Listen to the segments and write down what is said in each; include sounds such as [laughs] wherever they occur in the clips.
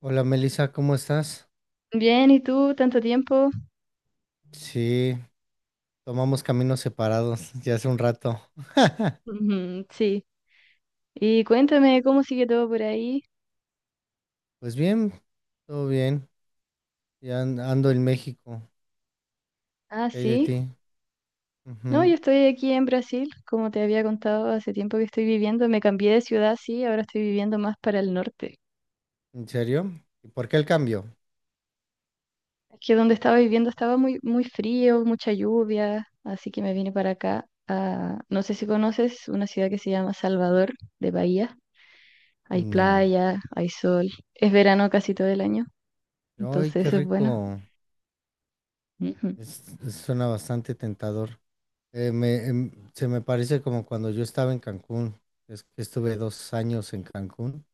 Hola Melissa, ¿cómo estás? Bien, ¿y tú? ¿Tanto tiempo? Sí, tomamos caminos separados ya hace un rato. [laughs] Ujú, sí. Y cuéntame cómo sigue todo por ahí. Pues bien, todo bien. Ando en México. Ah, ¿Qué hay sí. de ti? No, yo Ujú. estoy aquí en Brasil, como te había contado, hace tiempo que estoy viviendo. Me cambié de ciudad, sí, ahora estoy viviendo más para el norte. ¿En serio? ¿Y por qué el cambio? Es que donde estaba viviendo estaba muy, muy frío, mucha lluvia, así que me vine para acá. No sé si conoces una ciudad que se llama Salvador de Bahía. Hay No. playa, hay sol. Es verano casi todo el año, Ay, entonces qué eso es bueno. rico. Ujú. Suena bastante tentador. Se me parece como cuando yo estaba en Cancún. Es que estuve 2 años en Cancún.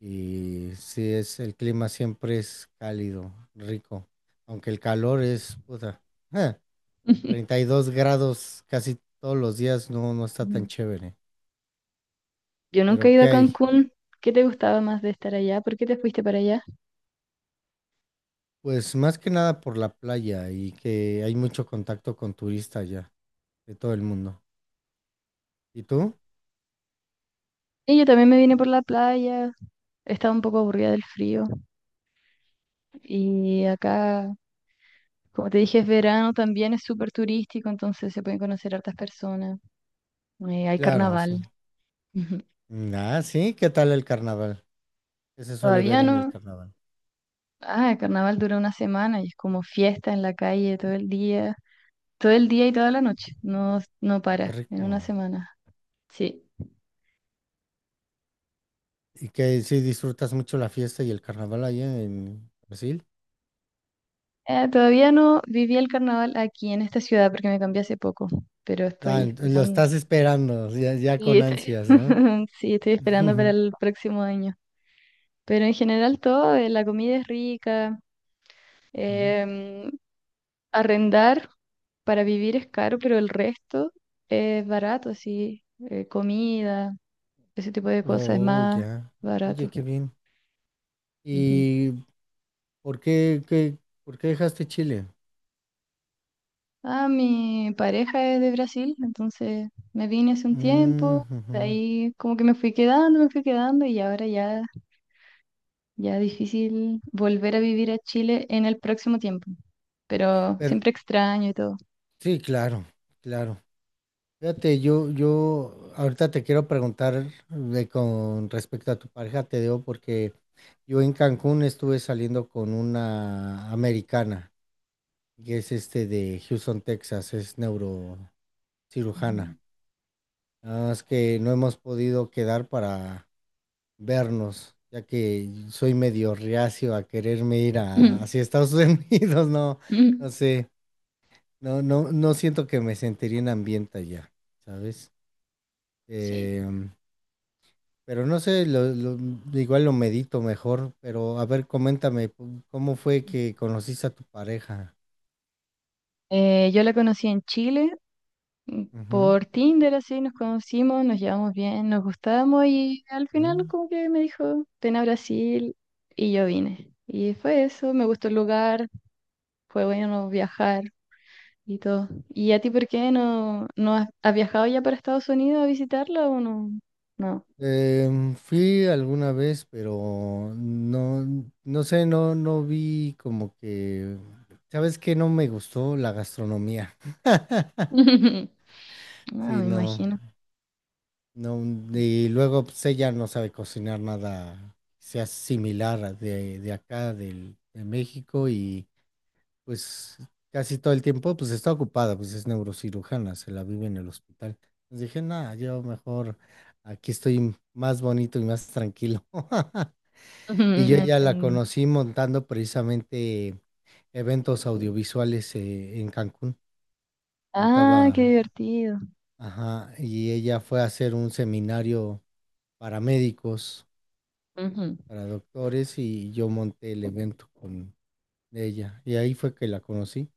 Y sí, es, el clima siempre es cálido, rico, aunque el calor es, puta, ja, treinta [laughs] y dos grados casi todos los días, no está tan Ujú. chévere. Yo nunca he Pero, ido ¿qué a hay? Cancún. ¿Qué te gustaba más de estar allá? ¿Por qué te fuiste para allá? Pues más que nada por la playa y que hay mucho contacto con turistas ya, de todo el mundo. ¿Y tú? Y yo también me vine por la playa. Estaba un poco aburrida del frío. Y acá, como te dije, es verano, también es súper turístico, entonces se pueden conocer hartas personas. Hay Claro, sí. carnaval. [laughs] Ujú. Mm, ah, sí, ¿qué tal el carnaval? ¿Qué se suele ver Todavía en el no. carnaval? Ah, el carnaval dura una semana y es como fiesta en la calle todo el día. Todo el día y toda la noche. No, no Qué para en una rico. semana. Sí. ¿Y que si disfrutas mucho la fiesta y el carnaval allá en Brasil? Todavía no viví el carnaval aquí en esta ciudad porque me cambié hace poco, pero estoy Ah, lo esperando. estás esperando, ya, ya Y con estoy- ansias, ¿no? [laughs] Sí, estoy esperando para [laughs] el próximo año. Pero en general todo, la comida es rica, Ujú. em, arrendar para vivir es caro, pero el resto es barato, sí, comida, ese tipo de cosas es Oh, más ya. Oye, barato. qué bien. Ujú. ¿Y por qué, qué- por qué dejaste Chile? Ah, mi pareja es de Brasil, entonces me vine hace un Mm, tiempo, de ujú. ahí como que me fui quedando y ahora ya, ya difícil volver a vivir a Chile en el próximo tiempo, pero Pero siempre extraño y todo. sí, claro, claro. Fíjate, yo ahorita te quiero preguntar de con respecto a tu pareja, te digo, porque yo en Cancún estuve saliendo con una americana, que es este de Houston, Texas, es neurocirujana. Ah, es que no hemos podido quedar para vernos, ya que soy medio reacio a quererme ir a, Ujú. hacia Estados [laughs] Unidos, no, no [clears throat] sé, no siento que me sentiría en ambiente allá, ¿sabes? Sí. Em, pero no sé, igual lo medito mejor, pero a ver, coméntame, ¿cómo fue que conociste a tu pareja? Yo la conocí en Chile Ujú, por Tinder, así nos conocimos, nos llevamos bien, nos gustábamos y al final mm. como que me dijo, ven a Brasil y yo vine. Y fue eso, me gustó el lugar, fue bueno viajar y todo. ¿Y a ti por qué no has viajado ya para Estados Unidos a visitarla o no? No. Em, fui alguna vez, pero no, no sé, no, no vi como que, ¿sabes qué? No me gustó la gastronomía. [laughs] No, Sí, me no, imagino. no, y luego pues, ella no sabe cocinar nada que sea similar a de acá, del, de México, y pues casi todo el tiempo pues está ocupada, pues es neurocirujana, se la vive en el hospital. Entonces dije, nada, yo mejor aquí estoy más bonito y más tranquilo. [laughs] Y [laughs] yo No ya la entendí. conocí montando precisamente eventos audiovisuales en Cancún. Ah, qué Montaba, divertido. ajá, y ella fue a hacer un seminario para médicos, Ujú. para doctores, y yo monté el evento con ella. Y ahí fue que la conocí.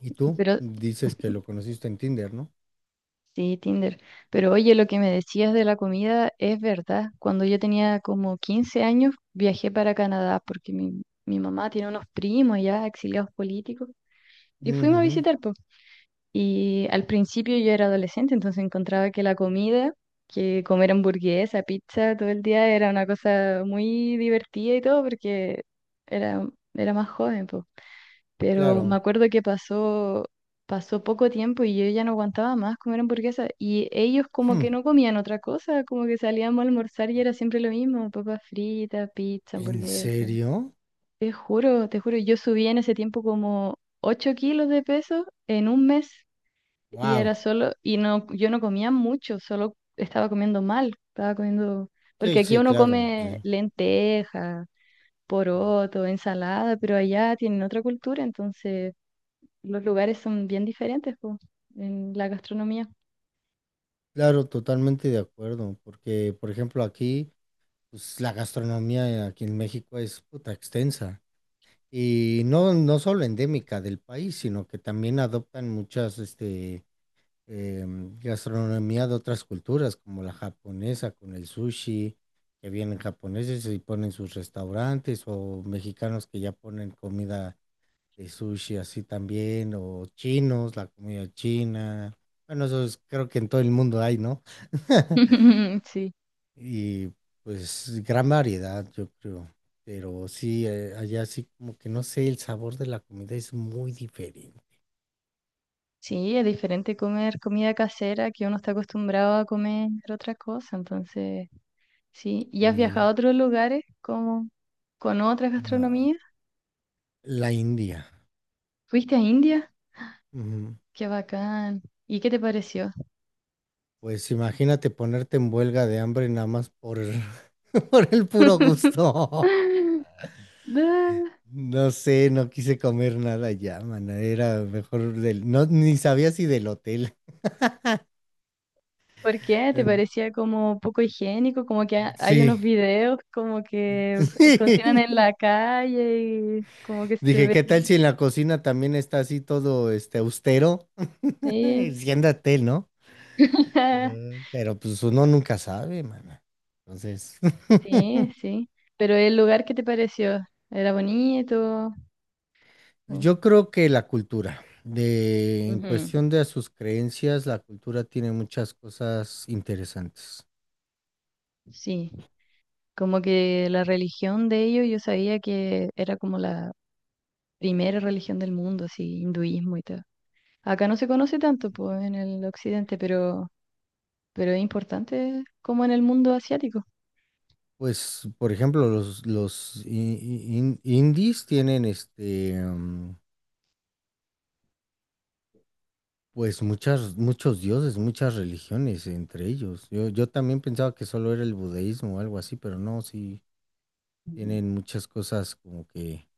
Y tú Pero dices que lo conociste en Tinder, ¿no? sí, Tinder. Pero oye, lo que me decías de la comida es verdad. Cuando yo tenía como 15 años, viajé para Canadá porque mi mamá tiene unos primos ya exiliados políticos y fuimos a Ujú, visitar. Y al principio yo era adolescente, entonces encontraba que la comida, que comer hamburguesa, pizza todo el día era una cosa muy divertida y todo porque era, era más joven, po. Pero me claro. acuerdo que pasó poco tiempo y yo ya no aguantaba más comer hamburguesa y ellos como Hmm, que no comían otra cosa, como que salíamos a almorzar y era siempre lo mismo, papas fritas, pizza, ¿en hamburguesa. serio? Te juro, yo subí en ese tiempo como 8 kilos de peso en un mes. Y Wow. era solo, y no, yo no comía mucho, solo estaba comiendo mal, estaba comiendo, Sí, porque aquí sí, uno claro, come sí. lenteja, poroto, ensalada, pero allá tienen otra cultura, entonces los lugares son bien diferentes, po, en la gastronomía. Claro, totalmente de acuerdo, porque, por ejemplo, aquí, pues, la gastronomía aquí en México es puta extensa. Y no, no solo endémica del país, sino que también adoptan muchas este, gastronomía de otras culturas, como la japonesa con el sushi, que vienen japoneses y ponen sus restaurantes, o mexicanos que ya ponen comida de sushi así también, o chinos, la comida china. Bueno, creo que en todo el mundo hay, ¿no? [laughs] [laughs] Sí, Y pues gran variedad, yo creo. Pero sí, allá sí como que no sé, el sabor de la comida es muy diferente. sí, es diferente comer comida casera que uno está acostumbrado a comer otra cosa, entonces, sí. ¿Y has mm, viajado a otros lugares como con otras a gastronomías? la India. ¿Fuiste a India? Ujú. Qué bacán. ¿Y qué te pareció? Pues imagínate ponerte en huelga de hambre nada más por [laughs] por el puro [laughs] gusto. Da, No sé, no quise comer nada ya, man. Era mejor del, no, ni sabía si del hotel. ¿por qué? ¿Te En- parecía como poco higiénico? Como que hay unos Sí. videos como que cocinan en [laughs] la calle y como que se Dije, ve. ¿qué tal si en la cocina también está así todo este austero? Sí, Enciéndate, ¿no? [laughs] Pero, pues uno nunca sabe, mana. Entonces, sí, [laughs] sí. Pero el lugar, ¿qué te pareció? ¿Era bonito? O- yo creo que la cultura, de, en Ujú, cuestión de sus creencias, la cultura tiene muchas cosas interesantes. sí, como que la religión de ellos, yo sabía que era como la primera religión del mundo, así, hinduismo y todo. Acá no se conoce tanto, pues, en el occidente, pero es importante como en el mundo asiático. Pues, por ejemplo, los indies tienen este, pues muchas, muchos dioses, muchas religiones entre ellos. Yo también pensaba que solo era el budeísmo o algo así, pero no, sí, Ujú. tienen muchas cosas como que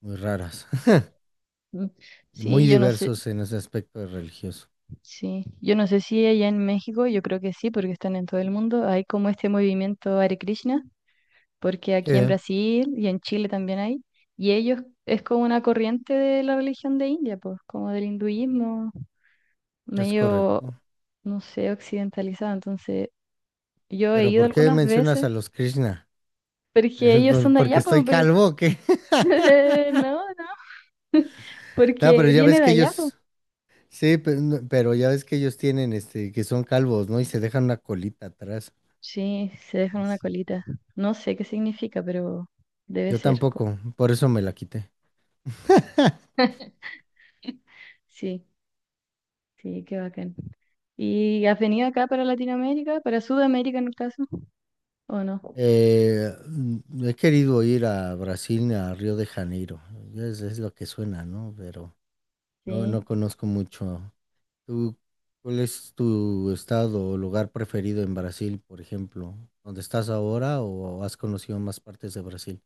muy raras. Mm. Muy Sí, yo no sé, diversos en ese aspecto religioso. sí, yo no sé si allá en México, yo creo que sí, porque están en todo el mundo, hay como este movimiento Hare Krishna, porque Sí, aquí en Brasil y en Chile también hay, y ellos es como una corriente de la religión de India, pues, como del hinduismo, es medio, correcto. no sé, occidentalizado. Entonces, yo he Pero, ido ¿por qué algunas mencionas veces, a los Krishna? [laughs] porque ellos son de ¿Porque allá, pues, estoy calvo o qué? [laughs] [laughs] no, no, [laughs] No, pero porque ya viene ves de que allá, pues. ellos, sí, no, pero ya ves que ellos tienen, este, que son calvos, ¿no? Y se dejan una colita atrás. Sí, se dejan una Sí. colita. No sé qué significa, pero debe Yo ser. Tampoco, por eso me la quité. [laughs] Sí, sí, qué bacán. ¿Y has venido acá para Latinoamérica, para Sudamérica en el caso, o no? He querido ir a Brasil, a Río de Janeiro. Es lo que suena, ¿no? Pero no, Sí. no conozco mucho. ¿Tú, cuál es tu estado o lugar preferido en Brasil, por ejemplo? ¿Dónde estás ahora o has conocido más partes de Brasil?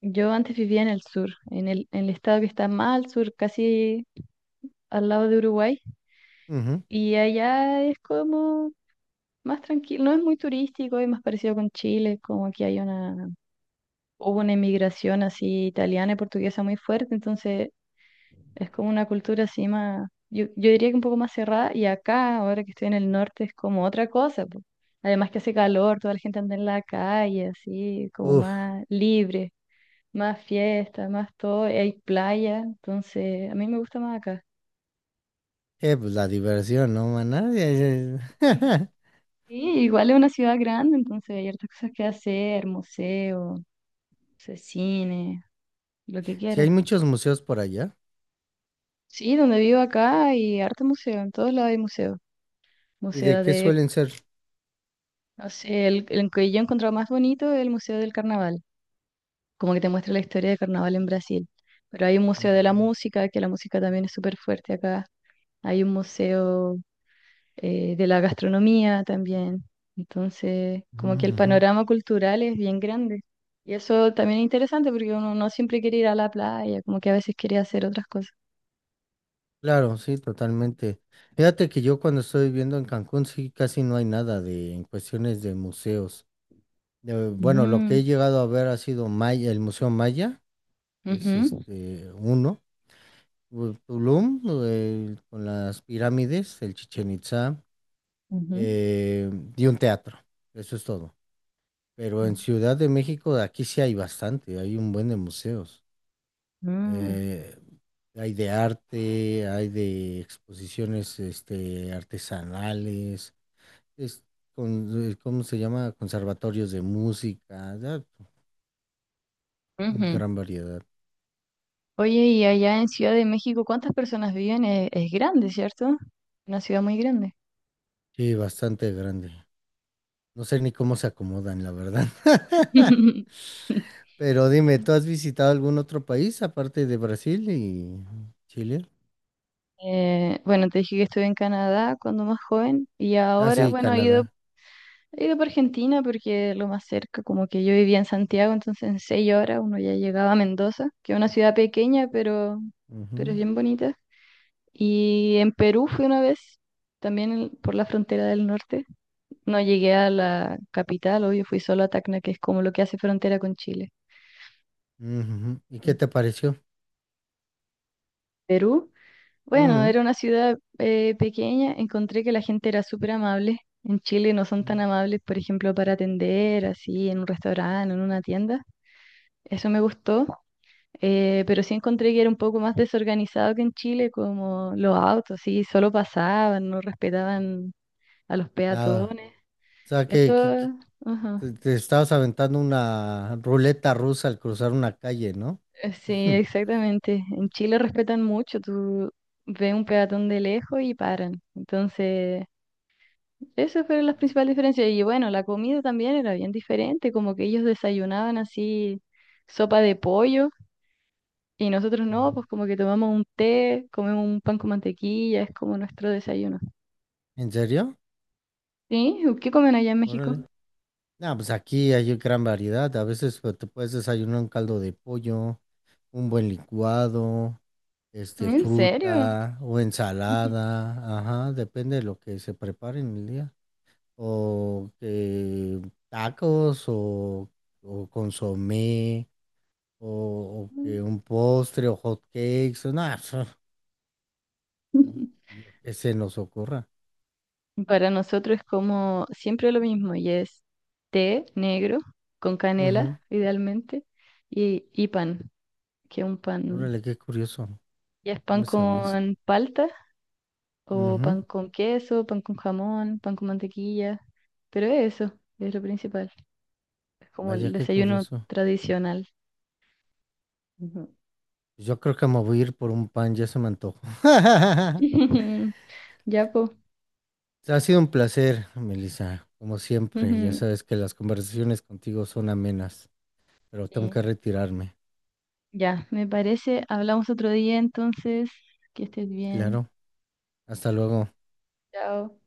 Yo antes vivía en el sur, en el estado que está más al sur, casi al lado de Uruguay, Ujú. y allá es como más tranquilo, no es muy turístico, es más parecido con Chile, como aquí hubo una inmigración así italiana y portuguesa muy fuerte, entonces es como una cultura así más, yo diría que un poco más cerrada y acá, ahora que estoy en el norte, es como otra cosa, po. Además que hace calor, toda la gente anda en la calle, así, como Uf, más libre, más fiesta, más todo, y hay playa, entonces a mí me gusta más acá. Pues la diversión, ¿no, maná? Sí, igual es una ciudad grande, entonces hay hartas cosas que hacer, museo, no sé, cine, lo que Si [laughs] hay quieras. muchos museos por allá. Sí, donde vivo acá hay harto museo, en todos lados hay museo. ¿Y de Museo qué de suelen ser? No sé, el que yo he encontrado más bonito es el Museo del Carnaval, como que te muestra la historia del carnaval en Brasil. Pero hay un museo de la Mm, música, que la música también es súper fuerte acá. Hay un museo de la gastronomía también. Entonces, como que el ujú. panorama cultural es bien grande. Y eso también es interesante porque uno no siempre quiere ir a la playa, como que a veces quiere hacer otras cosas. Claro, sí, totalmente. Fíjate que yo cuando estoy viviendo en Cancún, sí, casi no hay nada de en cuestiones de museos. Bueno, lo que Mm, he llegado a ver ha sido Maya, el Museo Maya, que es ujú, este uno. Tulum, con las pirámides, el Chichen Itzá, ujú, eh, y un teatro. Eso es todo. Pero en Ciudad de México, aquí sí hay bastante, hay un buen de museos. ujú, Eh, hay de arte, hay de exposiciones este, artesanales, es con, ¿cómo se llama? Conservatorios de música, da ujú, ujú. gran variedad. Oye, y allá en Ciudad de México, ¿cuántas personas viven? Es grande, ¿cierto? Una ciudad muy grande. Sí, bastante grande. No sé ni cómo se acomodan, la verdad. [laughs] [laughs] Pero dime, ¿tú has visitado algún otro país aparte de Brasil y Chile? Bueno, te dije que estuve en Canadá cuando más joven y Ah, ahora, sí, bueno, he ido, Canadá. he ido por Argentina porque lo más cerca, como que yo vivía en Santiago, entonces en 6 horas uno ya llegaba a Mendoza, que es una ciudad pequeña, pero es Ujú, bien bonita. Y en Perú fui una vez, también por la frontera del norte. No llegué a la capital, obvio, fui solo a Tacna, que es como lo que hace frontera con Chile. ujú. ¿Y qué Mm. te pareció? Perú, bueno, Mm, era una ciudad pequeña, encontré que la gente era súper amable. En Chile no son tan amables, por ejemplo, para atender, así, en un restaurante, en una tienda. Eso me gustó, pero sí encontré que era un poco más desorganizado que en Chile, como los autos, sí, solo pasaban, no respetaban a los Nada. peatones. O sea, Eso, que, que ajá. te estabas aventando una ruleta rusa al cruzar una calle, ¿no? Sí, [laughs] exactamente. En Chile respetan mucho, tú ves un peatón de lejos y paran. Entonces, esas fueron las principales diferencias. Y bueno, la comida también era bien diferente, como que ellos desayunaban así sopa de pollo y nosotros no, pues como que tomamos un té, comemos un pan con mantequilla, es como nuestro desayuno. ¿En serio? ¿Sí? ¿Qué comen allá en México? Órale. No, pues aquí hay gran variedad. A veces pues, te puedes desayunar un caldo de pollo, un buen licuado, este, ¿En serio? fruta o ensalada, ajá, depende de lo que se prepare en el día. O que tacos o consomé o, o que un [laughs] postre o hot cakes, o nada, [laughs] lo que se nos ocurra. Para nosotros es como siempre lo mismo y es té negro con Ujú. canela, idealmente, y pan, que es un pan, Órale, qué curioso, ya es no pan me sabías. con palta o Ujú. pan con queso, pan con jamón, pan con mantequilla, pero es eso, es lo principal, es como Vaya, el qué desayuno curioso. tradicional. Ujú. Yo creo que me voy a ir por un pan, ya se me antojó. [laughs] [laughs] Ya, pues. Ha sido un placer, Melissa, como siempre. Ya sabes que las conversaciones contigo son amenas, pero tengo Sí. que retirarme. Ya, me parece, hablamos otro día entonces, que estés bien. Claro, hasta luego. Chao.